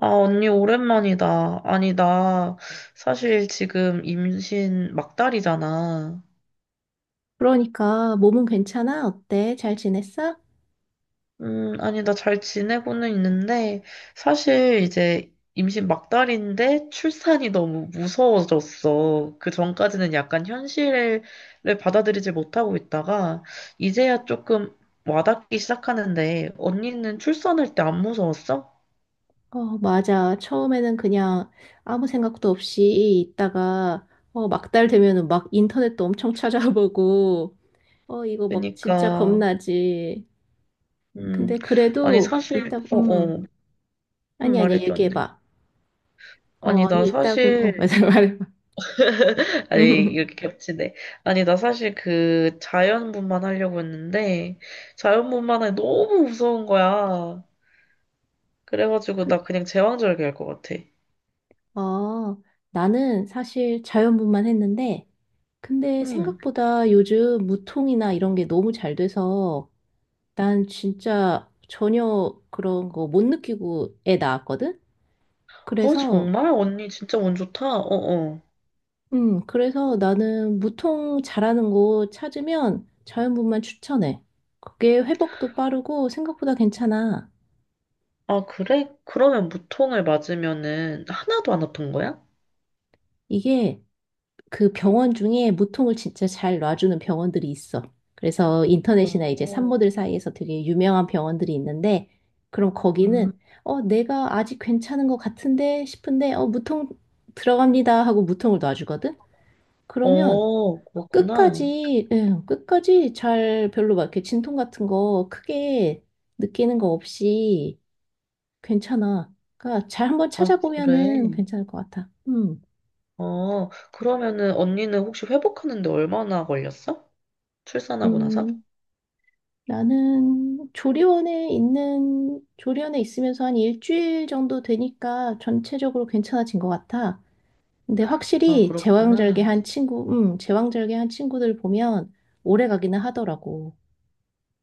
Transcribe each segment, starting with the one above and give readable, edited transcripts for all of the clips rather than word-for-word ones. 아, 언니, 오랜만이다. 아니, 나 사실 지금 임신 막달이잖아. 그러니까 몸은 괜찮아? 어때? 잘 지냈어? 아니, 나 잘 지내고는 있는데, 사실 이제 임신 막달인데 출산이 너무 무서워졌어. 그 전까지는 약간 현실을 받아들이지 못하고 있다가, 이제야 조금 와닿기 시작하는데, 언니는 출산할 때 안 무서웠어? 맞아. 처음에는 그냥 아무 생각도 없이 있다가 막달 되면은 막 인터넷도 엄청 찾아보고 이거 막 진짜 그러니까, 겁나지. 음, 근데 아니, 그래도 사실, 있다 아니 아니야. 말해줘, 얘기해 언니. 봐. 아니, 나 아니 있다고 사실, 맞아. 말해 봐. 아니, 이렇게 겹치네. 아니, 나 사실 그 자연분만 하려고 했는데, 자연분만에 너무 무서운 거야. 그래가지고, 그- 나 그냥 제왕절개 할 것 같아. 어, 나는 사실 자연분만 했는데 근데 응. 생각보다 요즘 무통이나 이런 게 너무 잘 돼서 난 진짜 전혀 그런 거 못 느끼고 애 낳았거든? 어, 그래서, 정말? 언니 진짜 운 좋다? 어어. 그래서 나는 무통 잘하는 곳 찾으면 자연분만 추천해. 그게 회복도 빠르고 생각보다 괜찮아. 아, 그래? 그러면 무통을 맞으면은 하나도 안 아픈 거야? 이게 그 병원 중에 무통을 진짜 잘 놔주는 병원들이 있어. 그래서 인터넷이나 이제 어, 산모들 사이에서 되게 유명한 병원들이 있는데, 그럼 음, 거기는, 내가 아직 괜찮은 것 같은데 싶은데, 무통 들어갑니다 하고 무통을 놔주거든? 그러면 그렇구나. 끝까지, 예, 끝까지 잘 별로 막 이렇게 진통 같은 거 크게 느끼는 거 없이 괜찮아. 그러니까 잘 한번 아, 그래. 찾아보면은 괜찮을 것 같아. 어, 그러면은 언니는 혹시 회복하는데 얼마나 걸렸어? 출산하고 나서? 음, 나는 조리원에 있으면서 한 일주일 정도 되니까 전체적으로 괜찮아진 것 같아. 근데 아, 확실히 그렇구나. 제왕절개한 친구들 보면 오래 가기는 하더라고.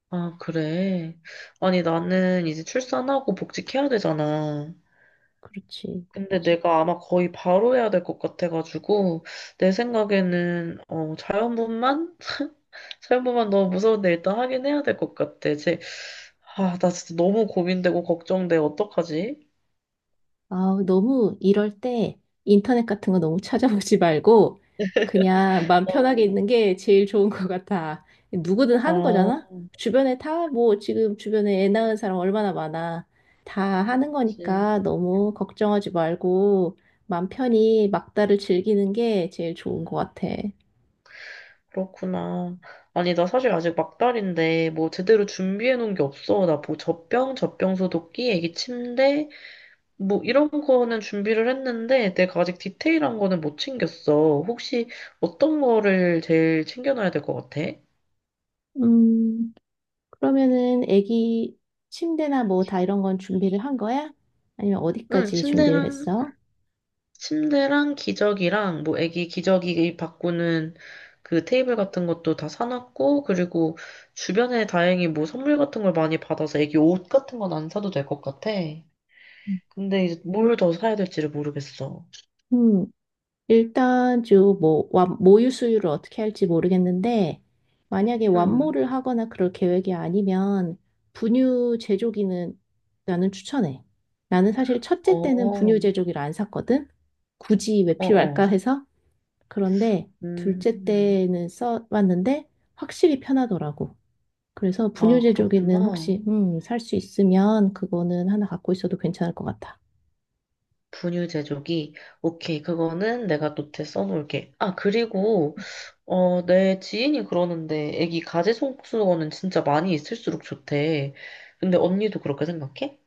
아, 그래. 아니, 나는 이제 출산하고 복직해야 되잖아. 그렇지. 근데 내가 아마 거의 바로 해야 될 것 같아가지고, 내 생각에는, 자연분만? 자연분만 너무 무서운데 일단 하긴 해야 될 것 같아. 아, 나 진짜 너무 고민되고 걱정돼. 어떡하지? 아, 너무 이럴 때 인터넷 같은 거 너무 찾아보지 말고 그냥 마음 편하게 어, 있는 게 제일 좋은 것 같아. 누구든 하는 아, 거잖아? 주변에 다 뭐 지금 주변에 애 낳은 사람 얼마나 많아. 다 하는 그치. 거니까 너무 걱정하지 말고 마음 편히 막다를 즐기는 게 제일 좋은 것 같아. 그렇구나. 아니, 나 사실 아직 막달인데, 뭐, 제대로 준비해 놓은 게 없어. 나 뭐, 젖병 소독기, 애기 침대, 뭐 이런 거는 준비를 했는데 내가 아직 디테일한 거는 못 챙겼어. 혹시 어떤 거를 제일 챙겨놔야 될 것 같아? 음, 그러면은 애기 침대나 뭐 다 이런 건 준비를 한 거야? 아니면 응, 어디까지 준비를 했어? 침대랑 기저귀랑 뭐 애기 기저귀 바꾸는 그 테이블 같은 것도 다 사놨고 그리고 주변에 다행히 뭐 선물 같은 걸 많이 받아서 애기 옷 같은 건 안 사도 될 것 같아. 근데 이제 뭘 더 사야 될지를 모르겠어. 음. 일단 주뭐 모유 수유를 어떻게 할지 모르겠는데 만약에 응. 완모를 하거나 그럴 계획이 아니면 분유 제조기는 나는 추천해. 나는 사실 어, 첫째 때는 어, 분유 제조기를 안 샀거든. 굳이 왜 어. 필요할까 해서. 그런데 둘째 음. 때는 써봤는데 확실히 편하더라고. 그래서 분유 아, 제조기는 그렇구나. 혹시 살 수 있으면 그거는 하나 갖고 있어도 괜찮을 것 같아. 분유 제조기. 오케이, 그거는 내가 노트에 써놓을게. 아, 그리고, 어, 내 지인이 그러는데, 애기 가지손수건은 진짜 많이 있을수록 좋대. 근데 언니도 그렇게 생각해?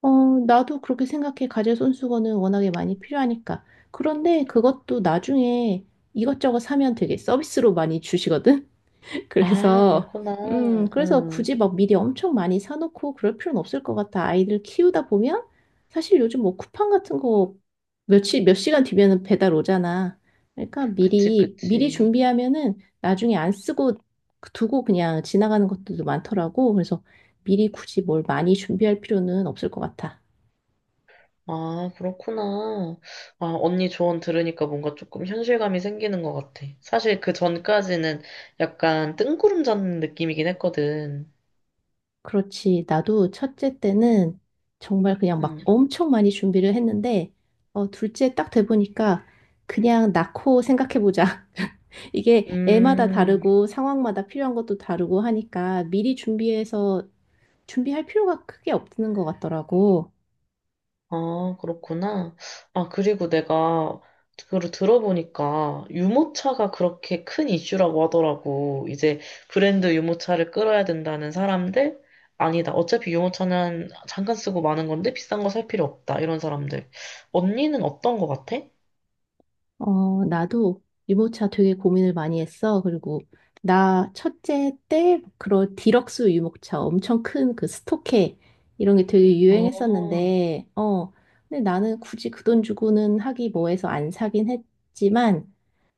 어, 나도 그렇게 생각해. 가재 손수건은 워낙에 많이 필요하니까. 그런데 그것도 나중에 이것저것 사면 되게 서비스로 많이 주시거든? 아, 그래서, 그렇구나. 그래서 응. 굳이 막 미리 엄청 많이 사놓고 그럴 필요는 없을 것 같아. 아이들 키우다 보면 사실 요즘 뭐 쿠팡 같은 거 며칠, 몇 시간 뒤면은 배달 오잖아. 그러니까 그치, 미리, 미리 그치. 준비하면은 나중에 안 쓰고 두고 그냥 지나가는 것들도 많더라고. 그래서 미리 굳이 뭘 많이 준비할 필요는 없을 것 같아. 아, 그렇구나. 아, 언니 조언 들으니까 뭔가 조금 현실감이 생기는 것 같아. 사실 그 전까지는 약간 뜬구름 잡는 느낌이긴 했거든. 그렇지. 나도 첫째 때는 정말 그냥 막 음. 엄청 많이 준비를 했는데, 둘째 딱 돼보니까 그냥 낳고 생각해보자. 이게 애마다 음. 다르고 상황마다 필요한 것도 다르고 하니까 미리 준비해서 준비할 필요가 크게 없는 것 같더라고. 아, 그렇구나. 아, 그리고 내가 그걸 들어보니까 유모차가 그렇게 큰 이슈라고 하더라고. 이제 브랜드 유모차를 끌어야 된다는 사람들? 아니다. 어차피 유모차는 잠깐 쓰고 마는 건데 비싼 거 살 필요 없다. 이런 사람들. 언니는 어떤 거 같아? 나도 유모차 되게 고민을 많이 했어. 그리고 나 첫째 때 그런 디럭스 유모차 엄청 큰 그 스토케 이런 게 되게 아, 유행했었는데, 근데 나는 굳이 그 돈 주고는 하기 뭐해서 안 사긴 했지만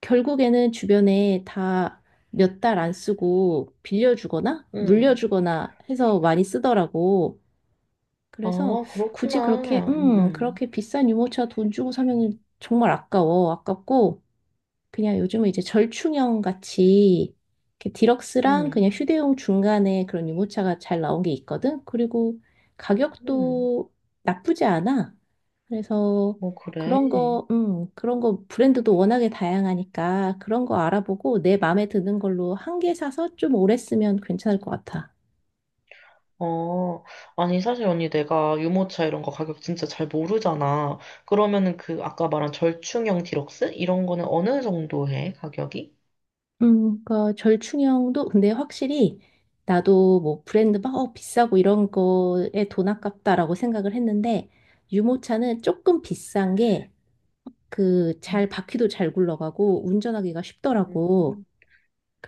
결국에는 주변에 다 몇 달 안 쓰고 빌려주거나 응. 물려주거나 해서 많이 쓰더라고. 아, 그래서 굳이 그렇게, 그렇구나. 응, 그렇게 비싼 유모차 돈 주고 사면 정말 아까워. 아깝고, 그냥 요즘은 이제 절충형 같이 이렇게 디럭스랑 응. 그냥 휴대용 중간에 그런 유모차가 잘 나온 게 있거든. 그리고 응. 가격도 나쁘지 않아. 그래서 뭐, 그래. 그런 거 브랜드도 워낙에 다양하니까 그런 거 알아보고 내 마음에 드는 걸로 한 개 사서 좀 오래 쓰면 괜찮을 것 같아. 어, 아니, 사실 언니 내가 유모차 이런 거 가격 진짜 잘 모르잖아. 그러면은 그 아까 말한 절충형 디럭스? 이런 거는 어느 정도 해, 가격이? 그러니까 절충형도 근데 확실히 나도 뭐 브랜드 막 비싸고 이런 거에 돈 아깝다라고 생각을 했는데 유모차는 조금 비싼 게 그 잘 바퀴도 잘 굴러가고 운전하기가 쉽더라고. 음.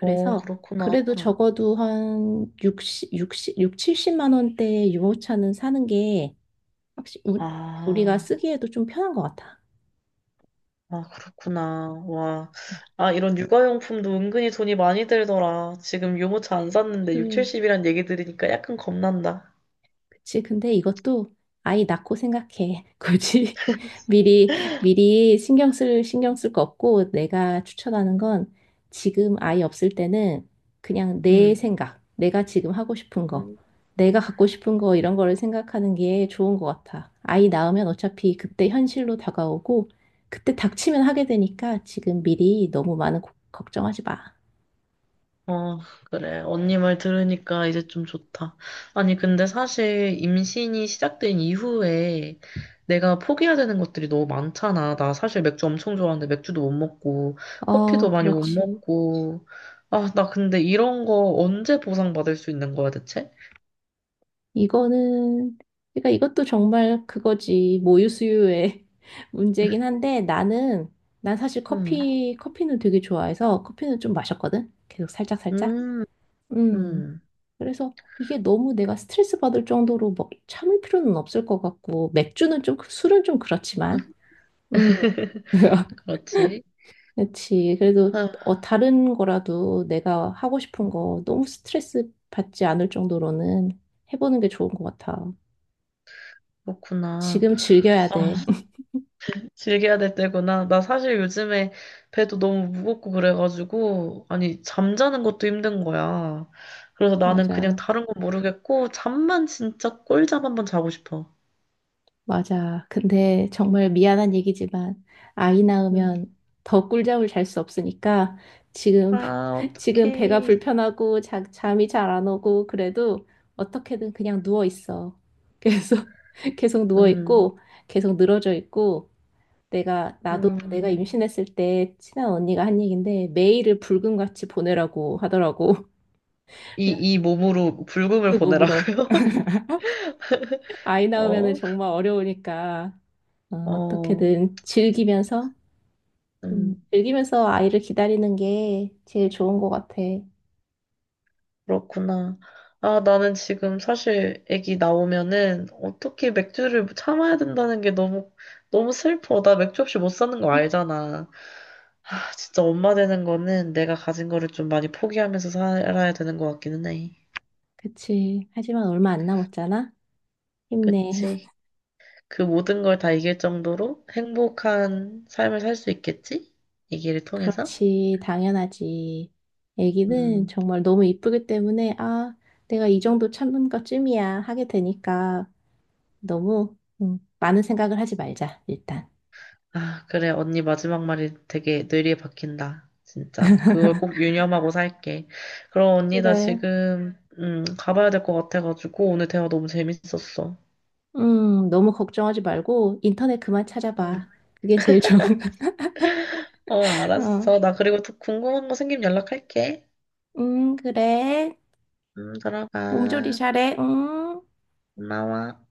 어, 그렇구나. 그래도 적어도 한 60, 육십 육 70만 원대의 유모차는 사는 게 확실히 우리가 아, 쓰기에도 좀 편한 것 같아. 아, 그렇구나. 와. 아, 이런 육아용품도 은근히 돈이 많이 들더라. 지금 유모차 안 샀는데 6, 70이란 얘기 들으니까 약간 겁난다. 그치, 근데 이것도 아이 낳고 생각해. 굳이 미리, 미리 신경 쓸 거 없고 내가 추천하는 건 지금 아이 없을 때는 그냥 내가 지금 하고 싶은 거, 응. 내가 갖고 싶은 거 이런 거를 생각하는 게 좋은 것 같아. 아이 낳으면 어차피 그때 현실로 다가오고 그때 닥치면 하게 되니까 지금 미리 너무 많은 걱정하지 마. 어, 그래. 언니 말 들으니까 이제 좀 좋다. 아니, 근데 사실 임신이 시작된 이후에 내가 포기해야 되는 것들이 너무 많잖아. 나 사실 맥주 엄청 좋아하는데 맥주도 못 먹고, 커피도 많이 못 그렇지. 먹고. 아, 나 근데 이런 거 언제 보상받을 수 있는 거야, 대체? 이거는, 그러니까 이것도 정말 그거지. 모유 수유의 문제긴 한데 나는, 난 사실 응 커피는 되게 좋아해서 커피는 좀 마셨거든? 계속 살짝살짝. 음, 음. 음. 그래서 이게 너무 내가 스트레스 받을 정도로 뭐 참을 필요는 없을 것 같고, 맥주는 좀, 술은 좀 그렇지만. 음. 그렇지. 그렇지. 그래도 아, 다른 거라도 내가 하고 싶은 거 너무 스트레스 받지 않을 정도로는 해보는 게 좋은 것 같아. 그렇구나. 지금 즐겨야 돼. 아. 즐겨야 될 때구나. 나 사실 요즘에 배도 너무 무겁고 그래가지고, 아니, 잠자는 것도 힘든 거야. 그래서 나는 그냥 맞아, 다른 건 모르겠고, 잠만 진짜 꿀잠 한번 자고 싶어. 맞아. 근데 정말 미안한 얘기지만 아이 음. 낳으면 더 꿀잠을 잘 수 없으니까 지금 아, 지금 배가 어떡해. 불편하고 잠이 잘 안 오고 그래도 어떻게든 그냥 누워 있어. 그래서 계속 누워 음, 있고 계속 늘어져 있고 내가 음. 임신했을 때 친한 언니가 한 얘긴데 매일을 불금같이 보내라고 하더라고. 이 몸으로 불금을 그 몸으로 보내라고요? 아이 낳으면은 어, 정말 어려우니까 어, 어떻게든 즐기면서, 음. 즐기면서 아이를 기다리는 게 제일 좋은 것 같아. 그렇구나. 아, 나는 지금 사실 애기 나오면은 어떻게 맥주를 참아야 된다는 게 너무, 너무 슬퍼. 나 맥주 없이 못 사는 거 알잖아. 아, 진짜 엄마 되는 거는 내가 가진 거를 좀 많이 포기하면서 살아야 되는 것 같기는 해. 그치. 하지만 얼마 안 남았잖아? 힘내. 그치? 그 모든 걸 다 이길 정도로 행복한 삶을 살 수 있겠지? 이 길을 통해서? 그렇지. 당연하지. 애기는 음. 정말 너무 이쁘기 때문에, 내가 이 정도 참은 것쯤이야. 하게 되니까 너무 많은 생각을 하지 말자, 일단. 아, 그래. 언니 마지막 말이 되게 뇌리에 박힌다. 진짜. 그걸 꼭 유념하고 살게. 그럼 언니 나 그래. 지금 가봐야 될 것 같아가지고 오늘 대화 너무 재밌었어. 너무 걱정하지 말고 인터넷 그만 음 찾아봐. 그게 제일 좋은 어, 거. 어. 알았어. 나 그리고 또 궁금한 거 생기면 연락할게. 그래. 응. 몸조리 들어가. 잘해. 응. 고마워.